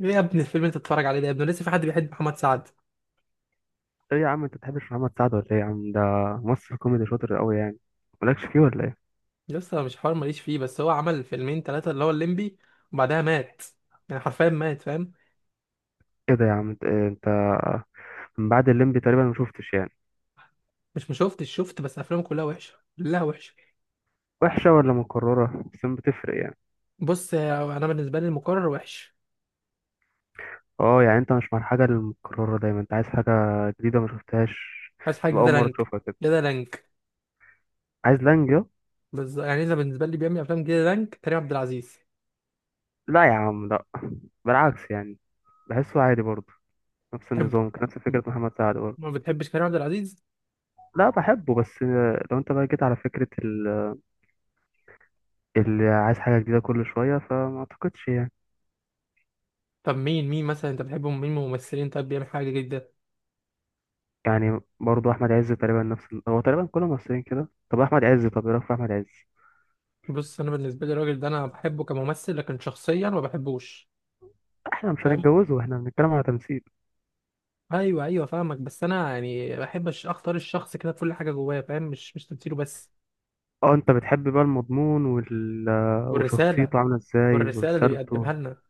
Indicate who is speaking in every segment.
Speaker 1: ايه يا ابني الفيلم اللي انت بتتفرج عليه ده يا ابني؟ لسه في حد بيحب محمد سعد؟
Speaker 2: ايه يا عم، انت بتحبش محمد سعد ولا ايه يا عم؟ ده ممثل كوميدي شاطر قوي يعني. مالكش فيه ولا ايه؟
Speaker 1: لسه مش حوار، ماليش فيه، بس هو عمل فيلمين ثلاثة اللي هو الليمبي وبعدها مات، يعني حرفيا مات، فاهم؟
Speaker 2: ايه ده يا عم؟ انت إيه؟ انت من بعد الليمبي تقريبا ما شفتش يعني.
Speaker 1: مش مشوفتش، شفت، بس افلامه كلها وحشة، كلها وحشة.
Speaker 2: وحشه ولا مكرره، بس ما بتفرق يعني.
Speaker 1: بص انا بالنسبة لي المقرر وحش.
Speaker 2: اه، يعني انت مش مع الحاجه المكرره دايما؟ انت عايز حاجه جديده ما شفتهاش
Speaker 1: عايز حاجة
Speaker 2: تبقى اول
Speaker 1: جديدة
Speaker 2: مره
Speaker 1: لانج.
Speaker 2: تشوفها كده؟
Speaker 1: جديدة لانج.
Speaker 2: عايز لانجا.
Speaker 1: بس يعني اذا بالنسبة لي بيعمل افلام جديدة لانج كريم عبد العزيز.
Speaker 2: لا يا عم، لا. بالعكس يعني. بحسه عادي برضه، نفس
Speaker 1: بحبه.
Speaker 2: النظام، نفس فكره محمد سعد برضه.
Speaker 1: ما بتحبش كريم عبد العزيز؟
Speaker 2: لا، بحبه بس. لو انت بقى جيت على فكره اللي عايز حاجه جديده كل شويه، فما اعتقدش يعني.
Speaker 1: طب مين مثلا انت بتحبه؟ مين من الممثلين طب بيعمل حاجة جديدة؟
Speaker 2: يعني برضه احمد عز تقريبا نفس هو تقريبا كل الممثلين كده. طب احمد عز، طب ايه رايك في احمد عز؟
Speaker 1: بص انا بالنسبة لي الراجل ده انا بحبه كممثل لكن شخصيا ما بحبوش،
Speaker 2: احنا مش
Speaker 1: فاهم؟
Speaker 2: هنتجوزه، احنا بنتكلم على تمثيل.
Speaker 1: ايوه ايوه، فاهمك، بس انا يعني بحب اختار الشخص كده بكل حاجه جواه، فاهم؟ مش تمثيله بس.
Speaker 2: اه، انت بتحب بقى المضمون
Speaker 1: والرساله.
Speaker 2: وشخصيته عامله ازاي
Speaker 1: والرساله اللي
Speaker 2: ورسالته.
Speaker 1: بيقدمها لنا.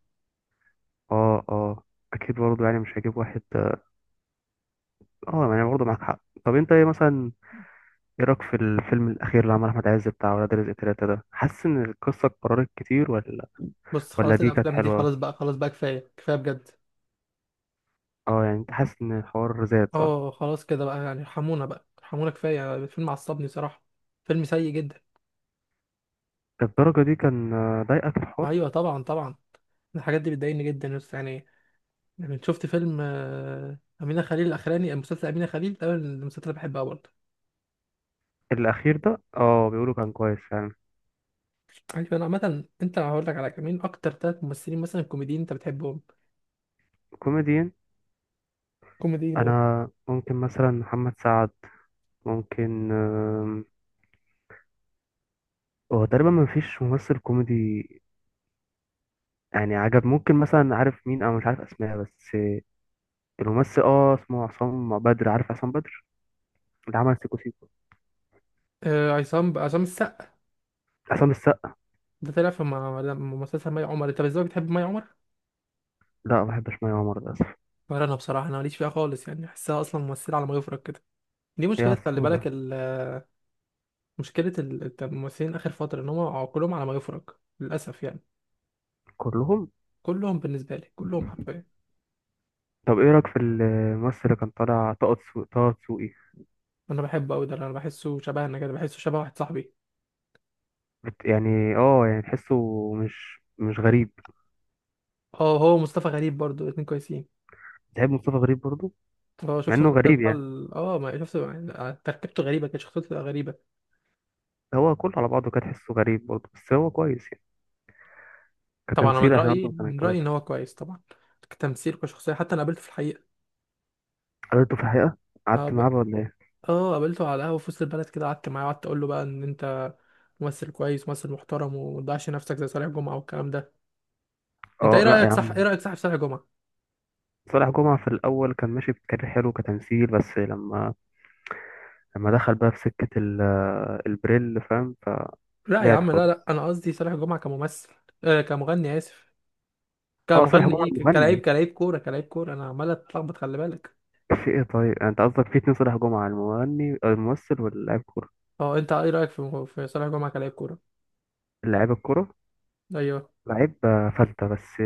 Speaker 2: اه، اه، اكيد برضه يعني مش هجيب واحد. اه يعني برضه معاك حق. طب انت ايه مثلا؟ ايه رايك في الفيلم الاخير اللي عمل احمد عز بتاع ولاد رزق 3 ده؟ حاسس ان القصه اتكررت كتير، ولا؟
Speaker 1: بص
Speaker 2: ولا
Speaker 1: خلاص،
Speaker 2: دي كانت
Speaker 1: الافلام دي خلاص
Speaker 2: حلوه؟
Speaker 1: بقى، خلاص بقى، كفايه كفايه بجد.
Speaker 2: اه، يعني انت حاسس ان الحوار زاد، صح؟
Speaker 1: اه خلاص كده بقى، يعني ارحمونا بقى، ارحمونا، كفايه يعني. الفيلم عصبني صراحه، فيلم سيء جدا.
Speaker 2: الدرجه دي كان، ضايقك الحوار؟
Speaker 1: ايوه طبعا طبعا، الحاجات دي بتضايقني جدا يا أسطى. يعني، يعني شفت فيلم أمينة خليل الأخراني، مسلسل أمينة خليل ده من المسلسلات اللي بحبها برضه.
Speaker 2: الأخير ده، بيقولوا كان كويس فعلا.
Speaker 1: أيوة، أنا عامة أنت هقول لك على كمين، أكتر 3 ممثلين مثلا كوميديين أنت بتحبهم.
Speaker 2: كوميديان.
Speaker 1: كوميديين.
Speaker 2: أنا ممكن مثلا محمد سعد، ممكن. هو تقريبا ما فيش ممثل كوميدي يعني عجب. ممكن مثلا، عارف مين؟ أنا مش عارف أسماء بس. الممثل، اسمه عصام بدر، عارف عصام بدر، اللي عمل سيكو سيكو.
Speaker 1: عصام السقا،
Speaker 2: عصام السقا.
Speaker 1: ده طلع في مسلسل مي عمر، انت ازاي بتحب مي عمر؟
Speaker 2: لا، ما بحبش مي عمر للأسف.
Speaker 1: ولا انا بصراحه، انا ماليش فيها خالص، يعني احسها اصلا ممثله على ما يفرج كده. دي
Speaker 2: هي
Speaker 1: مشكله، خلي بالك
Speaker 2: عسولة.
Speaker 1: مشكله الممثلين اخر فتره ان هم كلهم على ما يفرج، للاسف يعني.
Speaker 2: كلهم.
Speaker 1: كلهم بالنسبه لي، كلهم حرفيا.
Speaker 2: طب ايه رأيك في الممثل اللي كان طالع، طه دسوقي؟
Speaker 1: انا بحبه قوي ده، انا بحسه شبهنا كده، بحسه شبه واحد صاحبي.
Speaker 2: يعني، يعني تحسه مش غريب.
Speaker 1: اه، هو مصطفى غريب برضو، الاتنين كويسين.
Speaker 2: تحب مصطفى غريب برضه؟
Speaker 1: اه
Speaker 2: مع
Speaker 1: شفت
Speaker 2: انه
Speaker 1: المسلسل
Speaker 2: غريب
Speaker 1: بتاع
Speaker 2: يعني،
Speaker 1: ما شفت يعني، تركيبته غريبه، كانت شخصيته غريبه.
Speaker 2: هو كله على بعضه كان تحسه غريب برضه، بس هو كويس يعني
Speaker 1: طبعا انا
Speaker 2: كتمثيل. احنا برضه كان
Speaker 1: من رايي ان
Speaker 2: يتجوزه.
Speaker 1: هو كويس طبعا، كتمثيل كشخصيه، حتى انا قابلته في الحقيقه.
Speaker 2: قابلته في الحقيقة؟
Speaker 1: اه
Speaker 2: قعدت
Speaker 1: ب-
Speaker 2: معاه بقى ولا ايه؟
Speaker 1: اه قابلته على القهوة في وسط البلد كده، قعدت معاه وقعدت اقول له بقى ان انت ممثل كويس، ممثل محترم، وما تضيعش نفسك زي صالح جمعة والكلام ده. انت
Speaker 2: اه. لا يا
Speaker 1: ايه
Speaker 2: عم.
Speaker 1: رأيك صح في صالح جمعة؟
Speaker 2: صالح جمعة في الأول كان ماشي بكارير حلو كتمثيل، بس لما دخل بقى في سكة البريل، فاهم؟
Speaker 1: لا يا
Speaker 2: فبعد
Speaker 1: عم لا لا،
Speaker 2: خالص.
Speaker 1: انا قصدي صالح جمعة كممثل. آه كمغني، اسف،
Speaker 2: اه، صالح
Speaker 1: كمغني
Speaker 2: جمعة
Speaker 1: ايه، كلاعب،
Speaker 2: المغني.
Speaker 1: كلاعب كورة، كلاعب كورة، انا عمال اتلخبط خلي بالك.
Speaker 2: في ايه؟ طيب، انت قصدك في اتنين صالح جمعة، المغني الممثل واللاعب كورة؟
Speaker 1: اه انت ايه رأيك في صالح جمعة كلاعب كورة؟
Speaker 2: اللاعب الكورة.
Speaker 1: ايوه.
Speaker 2: لعيب فلتة بس.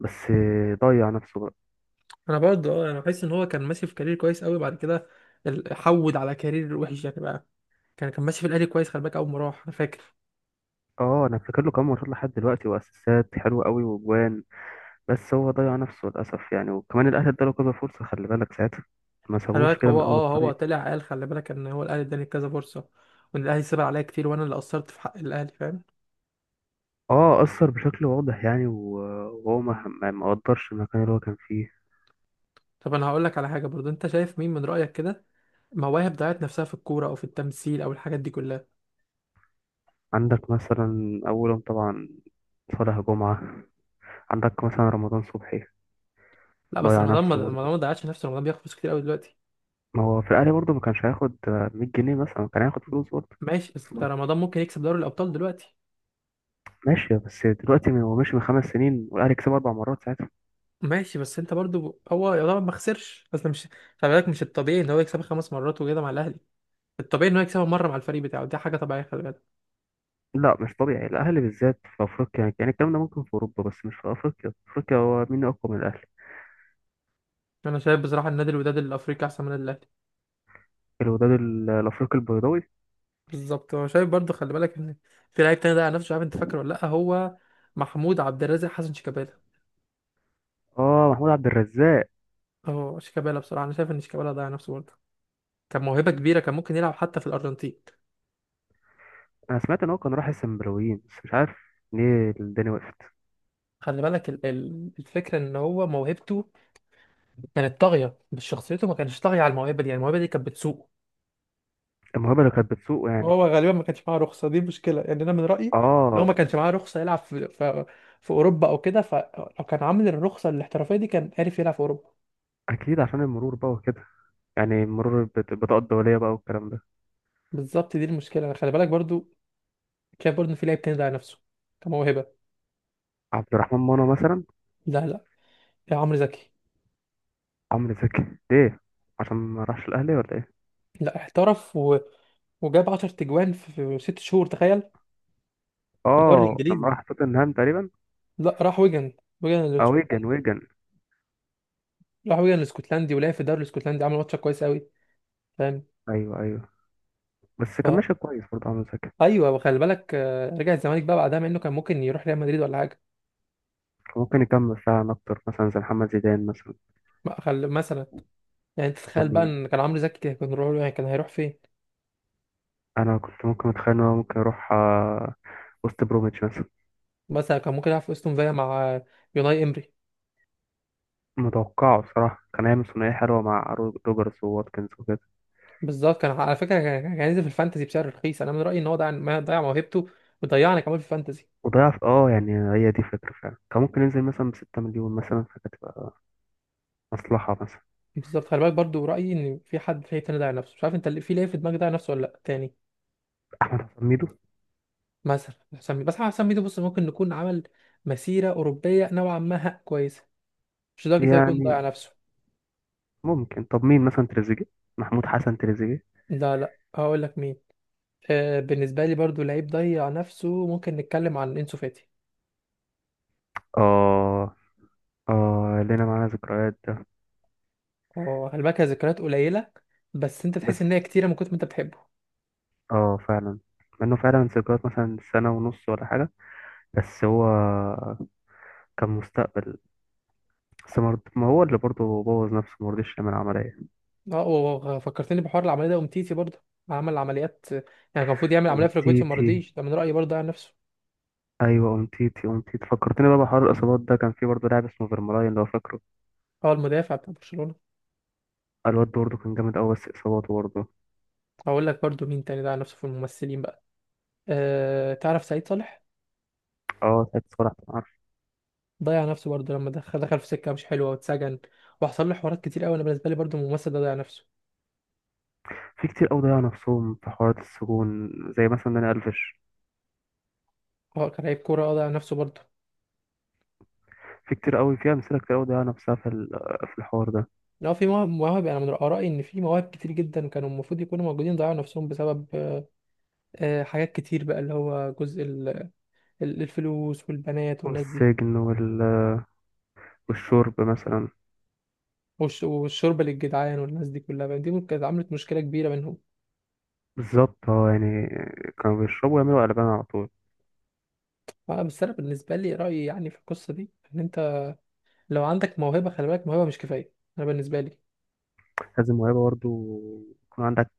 Speaker 2: بس ضيع نفسه بقى.
Speaker 1: انا برضه اه، انا بحس ان هو كان ماشي في كارير كويس قوي بعد كده حود على كارير وحش يعني بقى. كان ماشي في الاهلي كويس، خلي بالك، اول ما راح انا فاكر.
Speaker 2: اه، انا فاكر له كام ماتش لحد دلوقتي، واسيستات حلوه قوي، واجوان. بس هو ضيع نفسه للأسف يعني، وكمان الأهلي اداله كذا فرصة، خلي بالك ساعتها ما
Speaker 1: خلي
Speaker 2: سابوش
Speaker 1: بالك
Speaker 2: كده
Speaker 1: هو
Speaker 2: من أول
Speaker 1: اه، هو
Speaker 2: الطريق.
Speaker 1: طلع قال خلي بالك ان هو الاهلي اداني كذا فرصه، وان الاهلي سيب عليا كتير، وانا اللي قصرت في حق الاهلي، فاهم؟
Speaker 2: اه، أثر بشكل واضح يعني، وهو ما قدرش المكان اللي هو كان فيه.
Speaker 1: طب انا هقول لك على حاجه برضو، انت شايف مين من رايك كده مواهب ضيعت نفسها في الكوره او في التمثيل او الحاجات دي كلها؟
Speaker 2: عندك مثلا أولهم طبعا صالح جمعة، عندك مثلا رمضان صبحي.
Speaker 1: لا بس
Speaker 2: ضيع
Speaker 1: رمضان، ما
Speaker 2: نفسه
Speaker 1: رمضان
Speaker 2: برضه.
Speaker 1: ما ضيعش نفسه، رمضان بياخد فلوس كتير قوي دلوقتي.
Speaker 2: ما هو في الأهلي برضه ما كانش هياخد 100 جنيه مثلا، كان هياخد فلوس برضه.
Speaker 1: ماشي بس انت،
Speaker 2: بس
Speaker 1: رمضان ممكن يكسب دوري الابطال دلوقتي.
Speaker 2: ماشي، بس دلوقتي هو ماشي من 5 سنين والأهلي كسب 4 مرات ساعتها.
Speaker 1: ماشي بس انت برضو، هو يعتبر ما خسرش اصل، مش خلي بالك، مش الطبيعي ان هو يكسبها 5 مرات وكده مع الاهلي، الطبيعي ان هو يكسبها مره مع الفريق بتاعه، دي حاجه طبيعيه خلي بالك.
Speaker 2: لا، مش طبيعي، الاهلي بالذات في افريقيا يعني. الكلام ده ممكن في اوروبا، بس مش في افريقيا. في افريقيا هو مين اقوى من الاهلي؟
Speaker 1: انا شايف بصراحه النادي الوداد الافريقي احسن من النادي الاهلي.
Speaker 2: الوداد الافريقي البيضاوي.
Speaker 1: بالظبط، هو شايف برضه، خلي بالك ان في لعيب تاني ضيع نفسه، مش عارف انت فاكره ولا لا، هو محمود عبد الرازق حسن شيكابالا.
Speaker 2: اه، محمود عبد الرزاق.
Speaker 1: اه شيكابالا، بصراحه انا شايف ان شيكابالا ضيع نفسه برضه، كان موهبه كبيره، كان ممكن يلعب حتى في الارجنتين.
Speaker 2: انا سمعت ان هو كان راح السنبلاويين، بس مش عارف ليه الدنيا وقفت.
Speaker 1: خلي بالك الفكره ان هو موهبته كانت طاغيه، بس شخصيته ما كانش طاغيه على الموهبه دي، يعني الموهبه دي كانت بتسوقه.
Speaker 2: الموهبه اللي كانت بتسوقه يعني.
Speaker 1: وهو غالبا ما كانش معاه رخصه، دي مشكله يعني، انا من رايي ان هو
Speaker 2: اه.
Speaker 1: ما كانش معاه رخصه يلعب في اوروبا او كده. فلو كان عامل الرخصه الاحترافيه دي كان عارف يلعب في اوروبا.
Speaker 2: اكيد عشان المرور بقى وكده. يعني المرور بطاقه الدوليه بقى، والكلام ده.
Speaker 1: بالظبط دي المشكله، خلي بالك برضو. شايف برضه ان في لعيب تاني ضيع نفسه كموهبه.
Speaker 2: عبد الرحمن منى مثلا.
Speaker 1: لا لا، يا عمرو زكي.
Speaker 2: عمرو زكي. ليه؟ عشان ما راحش الاهلي ولا ايه؟
Speaker 1: لا احترف وجاب 10 تجوان في 6 شهور، تخيل، في الدوري
Speaker 2: اه، لما
Speaker 1: الانجليزي.
Speaker 2: راح توتنهام تقريبا.
Speaker 1: لا راح ويجن، ويجن
Speaker 2: اه، ويجن،
Speaker 1: الاسكتلندي.
Speaker 2: ويجن.
Speaker 1: راح ويجن الاسكتلندي ولعب في الدوري الاسكتلندي، عمل ماتش كويس قوي، فاهم؟
Speaker 2: ايوه، ايوه. بس كان
Speaker 1: ف
Speaker 2: ماشي كويس برضه عمرو زكي.
Speaker 1: ايوه، وخلي بالك رجع الزمالك بقى بعدها، مع انه كان ممكن يروح ريال مدريد ولا حاجه.
Speaker 2: ممكن يكمل فعلا أكتر، مثلا زي محمد زيدان مثلا.
Speaker 1: ما خل... مثلا، يعني انت تتخيل
Speaker 2: يقول
Speaker 1: بقى
Speaker 2: لي،
Speaker 1: ان كان عمرو زكي كان روح، يعني كان هيروح فين؟
Speaker 2: أنا كنت ممكن أتخيل إن هو ممكن يروح، وست بروميتش مثلا.
Speaker 1: مثلا كان ممكن يلعب في استون فيا مع يوناي امري.
Speaker 2: متوقعه بصراحة كان هيعمل ثنائية حلوة مع روجرز وواتكنز وكده.
Speaker 1: بالظبط، كان على فكره كان هينزل في الفانتزي بسعر رخيص، انا من رايي ان هو ضيع، ما ضيع موهبته وضيعنا كمان في الفانتزي.
Speaker 2: وضيع في يعني هي دي فكرة فعلا، كان ممكن ينزل مثلا بـ6 مليون مثلا، فكانت تبقى مصلحة مثلا.
Speaker 1: بالظبط، خلي بالك برضو رايي ان في حد في تاني ضيع نفسه، مش عارف انت اللي في ليه في دماغك ضيع نفسه ولا لا تاني.
Speaker 2: أحمد حسن ميدو.
Speaker 1: مثلا حسام ميدو، بس حسام ميدو بص ممكن نكون عمل مسيره اوروبيه نوعا ما، ها كويسه، مش لدرجه إنه يكون
Speaker 2: يعني
Speaker 1: ضيع نفسه.
Speaker 2: ممكن. طب مين مثلا، تريزيجيه؟ محمود حسن تريزيجيه.
Speaker 1: لا لا، هقول لك مين. آه، بالنسبه لي برضو لعيب ضيع نفسه، ممكن نتكلم عن انسو فاتي.
Speaker 2: اه، اه، لنا معانا ذكريات ده.
Speaker 1: هو خلي بالك هي ذكريات قليله، بس انت تحس
Speaker 2: بس
Speaker 1: ان هي كتيره من كتر ما انت بتحبه.
Speaker 2: اه، فعلا. مع انه فعلا ذكريات مثلا سنة ونص ولا حاجة، بس هو كان مستقبل. بس ما هو اللي برضه بوظ نفسه، ما رضيش يعمل عملية.
Speaker 1: اه، وفكرتني بحوار العمليه ده، ومتيتي برضه عمل عمليات يعني، كان المفروض يعمل عمليه في ركبته وما
Speaker 2: أونتيتي.
Speaker 1: رضيش، ده من رايي برضه على نفسه.
Speaker 2: أيوة، أونتيتي، أونتيتي. فكرتني بقى بحوار الإصابات ده. كان في برضه لاعب اسمه فيرمالاين، لو فاكره.
Speaker 1: هو المدافع بتاع برشلونه.
Speaker 2: الواد ده برضه كان جامد أوي، بس إصاباته برضه.
Speaker 1: هقول لك برضه مين تاني ده على نفسه في الممثلين بقى. أه تعرف سعيد صالح؟
Speaker 2: أه، ساعة صلاح، كان عارف.
Speaker 1: ضيع نفسه برضه، لما دخل في سكه مش حلوه واتسجن، وحصل له حوارات كتير قوي، انا بالنسبه لي برضه الممثل ده ضيع نفسه.
Speaker 2: في كتير أوي ضيعوا نفسهم في حوارات السجون، زي مثلا داني ألفيش.
Speaker 1: هو كان لعيب كوره اه، ضيع نفسه برضه.
Speaker 2: في كتير أوي، في أمثلة كتير أوي ضيعوا نفسها في في الحوار ده.
Speaker 1: لو في مواهب، مواهب، انا من رايي ان في مواهب كتير جدا كانوا المفروض يكونوا موجودين، ضيعوا نفسهم بسبب أه آه، حاجات كتير بقى، اللي هو جزء الفلوس والبنات والناس دي،
Speaker 2: والسجن والشرب مثلا.
Speaker 1: والشوربه للجدعان والناس دي كلها، فاهم؟ دي ممكن كانت عملت مشكله كبيره بينهم.
Speaker 2: بالظبط. اه يعني كانوا بيشربوا ويعملوا قلبان على طول.
Speaker 1: بس انا بالنسبه لي رايي يعني في القصه دي ان انت لو عندك موهبه، خلي بالك موهبه مش كفايه، انا بالنسبه لي.
Speaker 2: لازم موهبة برضه، يكون عندك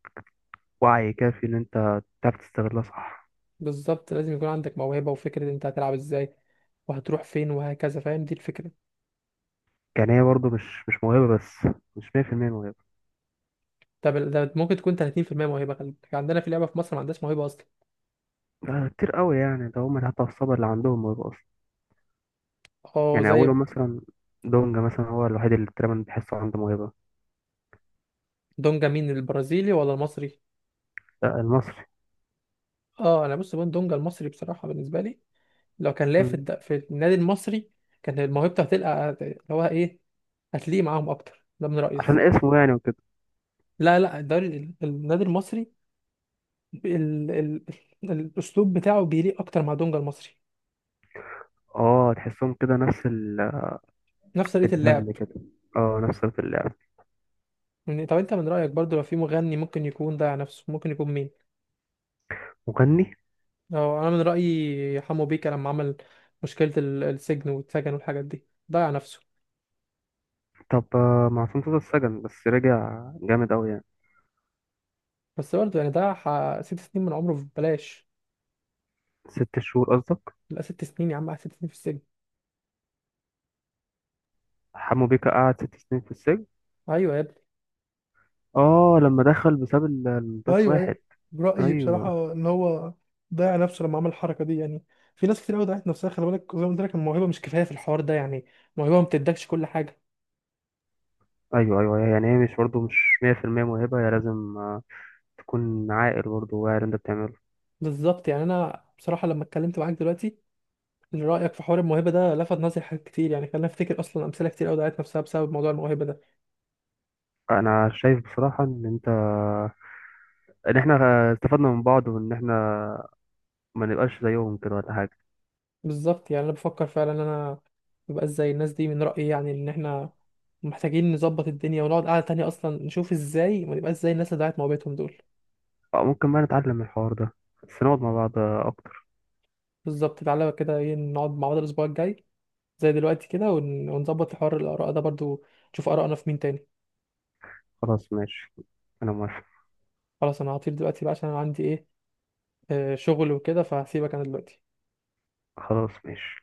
Speaker 2: وعي كافي إن أنت تعرف تستغلها صح.
Speaker 1: بالظبط، لازم يكون عندك موهبه وفكره انت هتلعب ازاي وهتروح فين وهكذا، فاهم؟ دي الفكره.
Speaker 2: يعني هي برضه مش موهبة بس، مش 100% موهبة.
Speaker 1: طب ده ممكن تكون 30% موهبه، خلي بالك عندنا في لعبه في مصر ما عندهاش موهبه اصلا.
Speaker 2: ده كتير قوي يعني، ده هم حتى الصبر اللي عندهم موهبة أصلا.
Speaker 1: اه
Speaker 2: يعني
Speaker 1: زي
Speaker 2: أولهم مثلا دونجا مثلا، هو الوحيد اللي تقريبا بحسه عنده موهبة.
Speaker 1: دونجا، مين البرازيلي ولا المصري؟
Speaker 2: ده المصري.
Speaker 1: اه انا بص، بون دونجا المصري بصراحه بالنسبه لي لو كان لعب في
Speaker 2: مم.
Speaker 1: في النادي المصري كان موهبته هتلقى اللي هو ايه، هتليق معاهم اكتر، ده من رأيي.
Speaker 2: عشان اسمه يعني وكده.
Speaker 1: لا لا، الدوري النادي المصري، ال... ال... الاسلوب بتاعه بيليق اكتر مع دونجا المصري.
Speaker 2: اه، تحسهم كده نفس
Speaker 1: نفس طريقة اللعب.
Speaker 2: الدم كده. اه، نفس في اللعب.
Speaker 1: يعني طب انت من رأيك برضو لو في مغني ممكن يكون ضيع نفسه ممكن يكون مين؟
Speaker 2: مغني.
Speaker 1: أو انا من رأيي حمو بيكا، لما عمل مشكلة السجن والسجن والحاجات دي، ضيع نفسه.
Speaker 2: طب معصوم صوت السجن، بس رجع جامد أوي يعني.
Speaker 1: بس برضه يعني ضيع 6 سنين من عمره ببلاش.
Speaker 2: 6 شهور قصدك؟
Speaker 1: لا 6 سنين يا عم، قعد 6 سنين في السجن.
Speaker 2: حمو بيكا قعد 6 سنين في السجن؟
Speaker 1: ايوه يا ابني.
Speaker 2: اه، لما دخل بسبب الباس
Speaker 1: ايوه
Speaker 2: واحد.
Speaker 1: ايوه. رايي
Speaker 2: ايوه،
Speaker 1: بصراحه ان هو ضيع نفسه لما عمل الحركه دي يعني. في ناس كتير قوي ضيعت نفسها، خلي بالك زي ما قلت لك الموهبه مش كفايه في الحوار ده، يعني الموهبه ما بتدكش كل حاجه.
Speaker 2: ايوه، ايوه، يعني هي مش برضه مش 100% موهبه، هي لازم تكون عاقل برضه، واعي انت بتعمله.
Speaker 1: بالظبط يعني، انا بصراحه لما اتكلمت معاك دلوقتي إن رايك في حوار الموهبه ده لفت نظري حاجات كتير، يعني خلاني افتكر اصلا امثله كتير قوي ضيعت نفسها بسبب موضوع الموهبه ده.
Speaker 2: انا شايف بصراحه ان احنا استفدنا من بعض، وان احنا ما نبقاش زيهم كده ولا حاجه.
Speaker 1: بالظبط يعني انا بفكر فعلا ان انا مبقاش زي الناس دي من رايي، يعني ان احنا محتاجين نظبط الدنيا ونقعد قعده تانية اصلا نشوف ازاي ما نبقاش زي الناس اللي ضيعت موهبتهم دول.
Speaker 2: أو ممكن بقى نتعلم من الحوار ده، بس نقعد مع بعض اكتر.
Speaker 1: بالظبط، تعالى كده ايه، نقعد مع بعض الاسبوع الجاي زي دلوقتي كده، ونظبط حوار الآراء ده برضو، نشوف آراءنا في مين تاني.
Speaker 2: خلاص ماشي، انا موافق.
Speaker 1: خلاص أنا هطير دلوقتي بقى عشان أنا عندي إيه، شغل وكده، فهسيبك أنا دلوقتي.
Speaker 2: خلاص ماشي.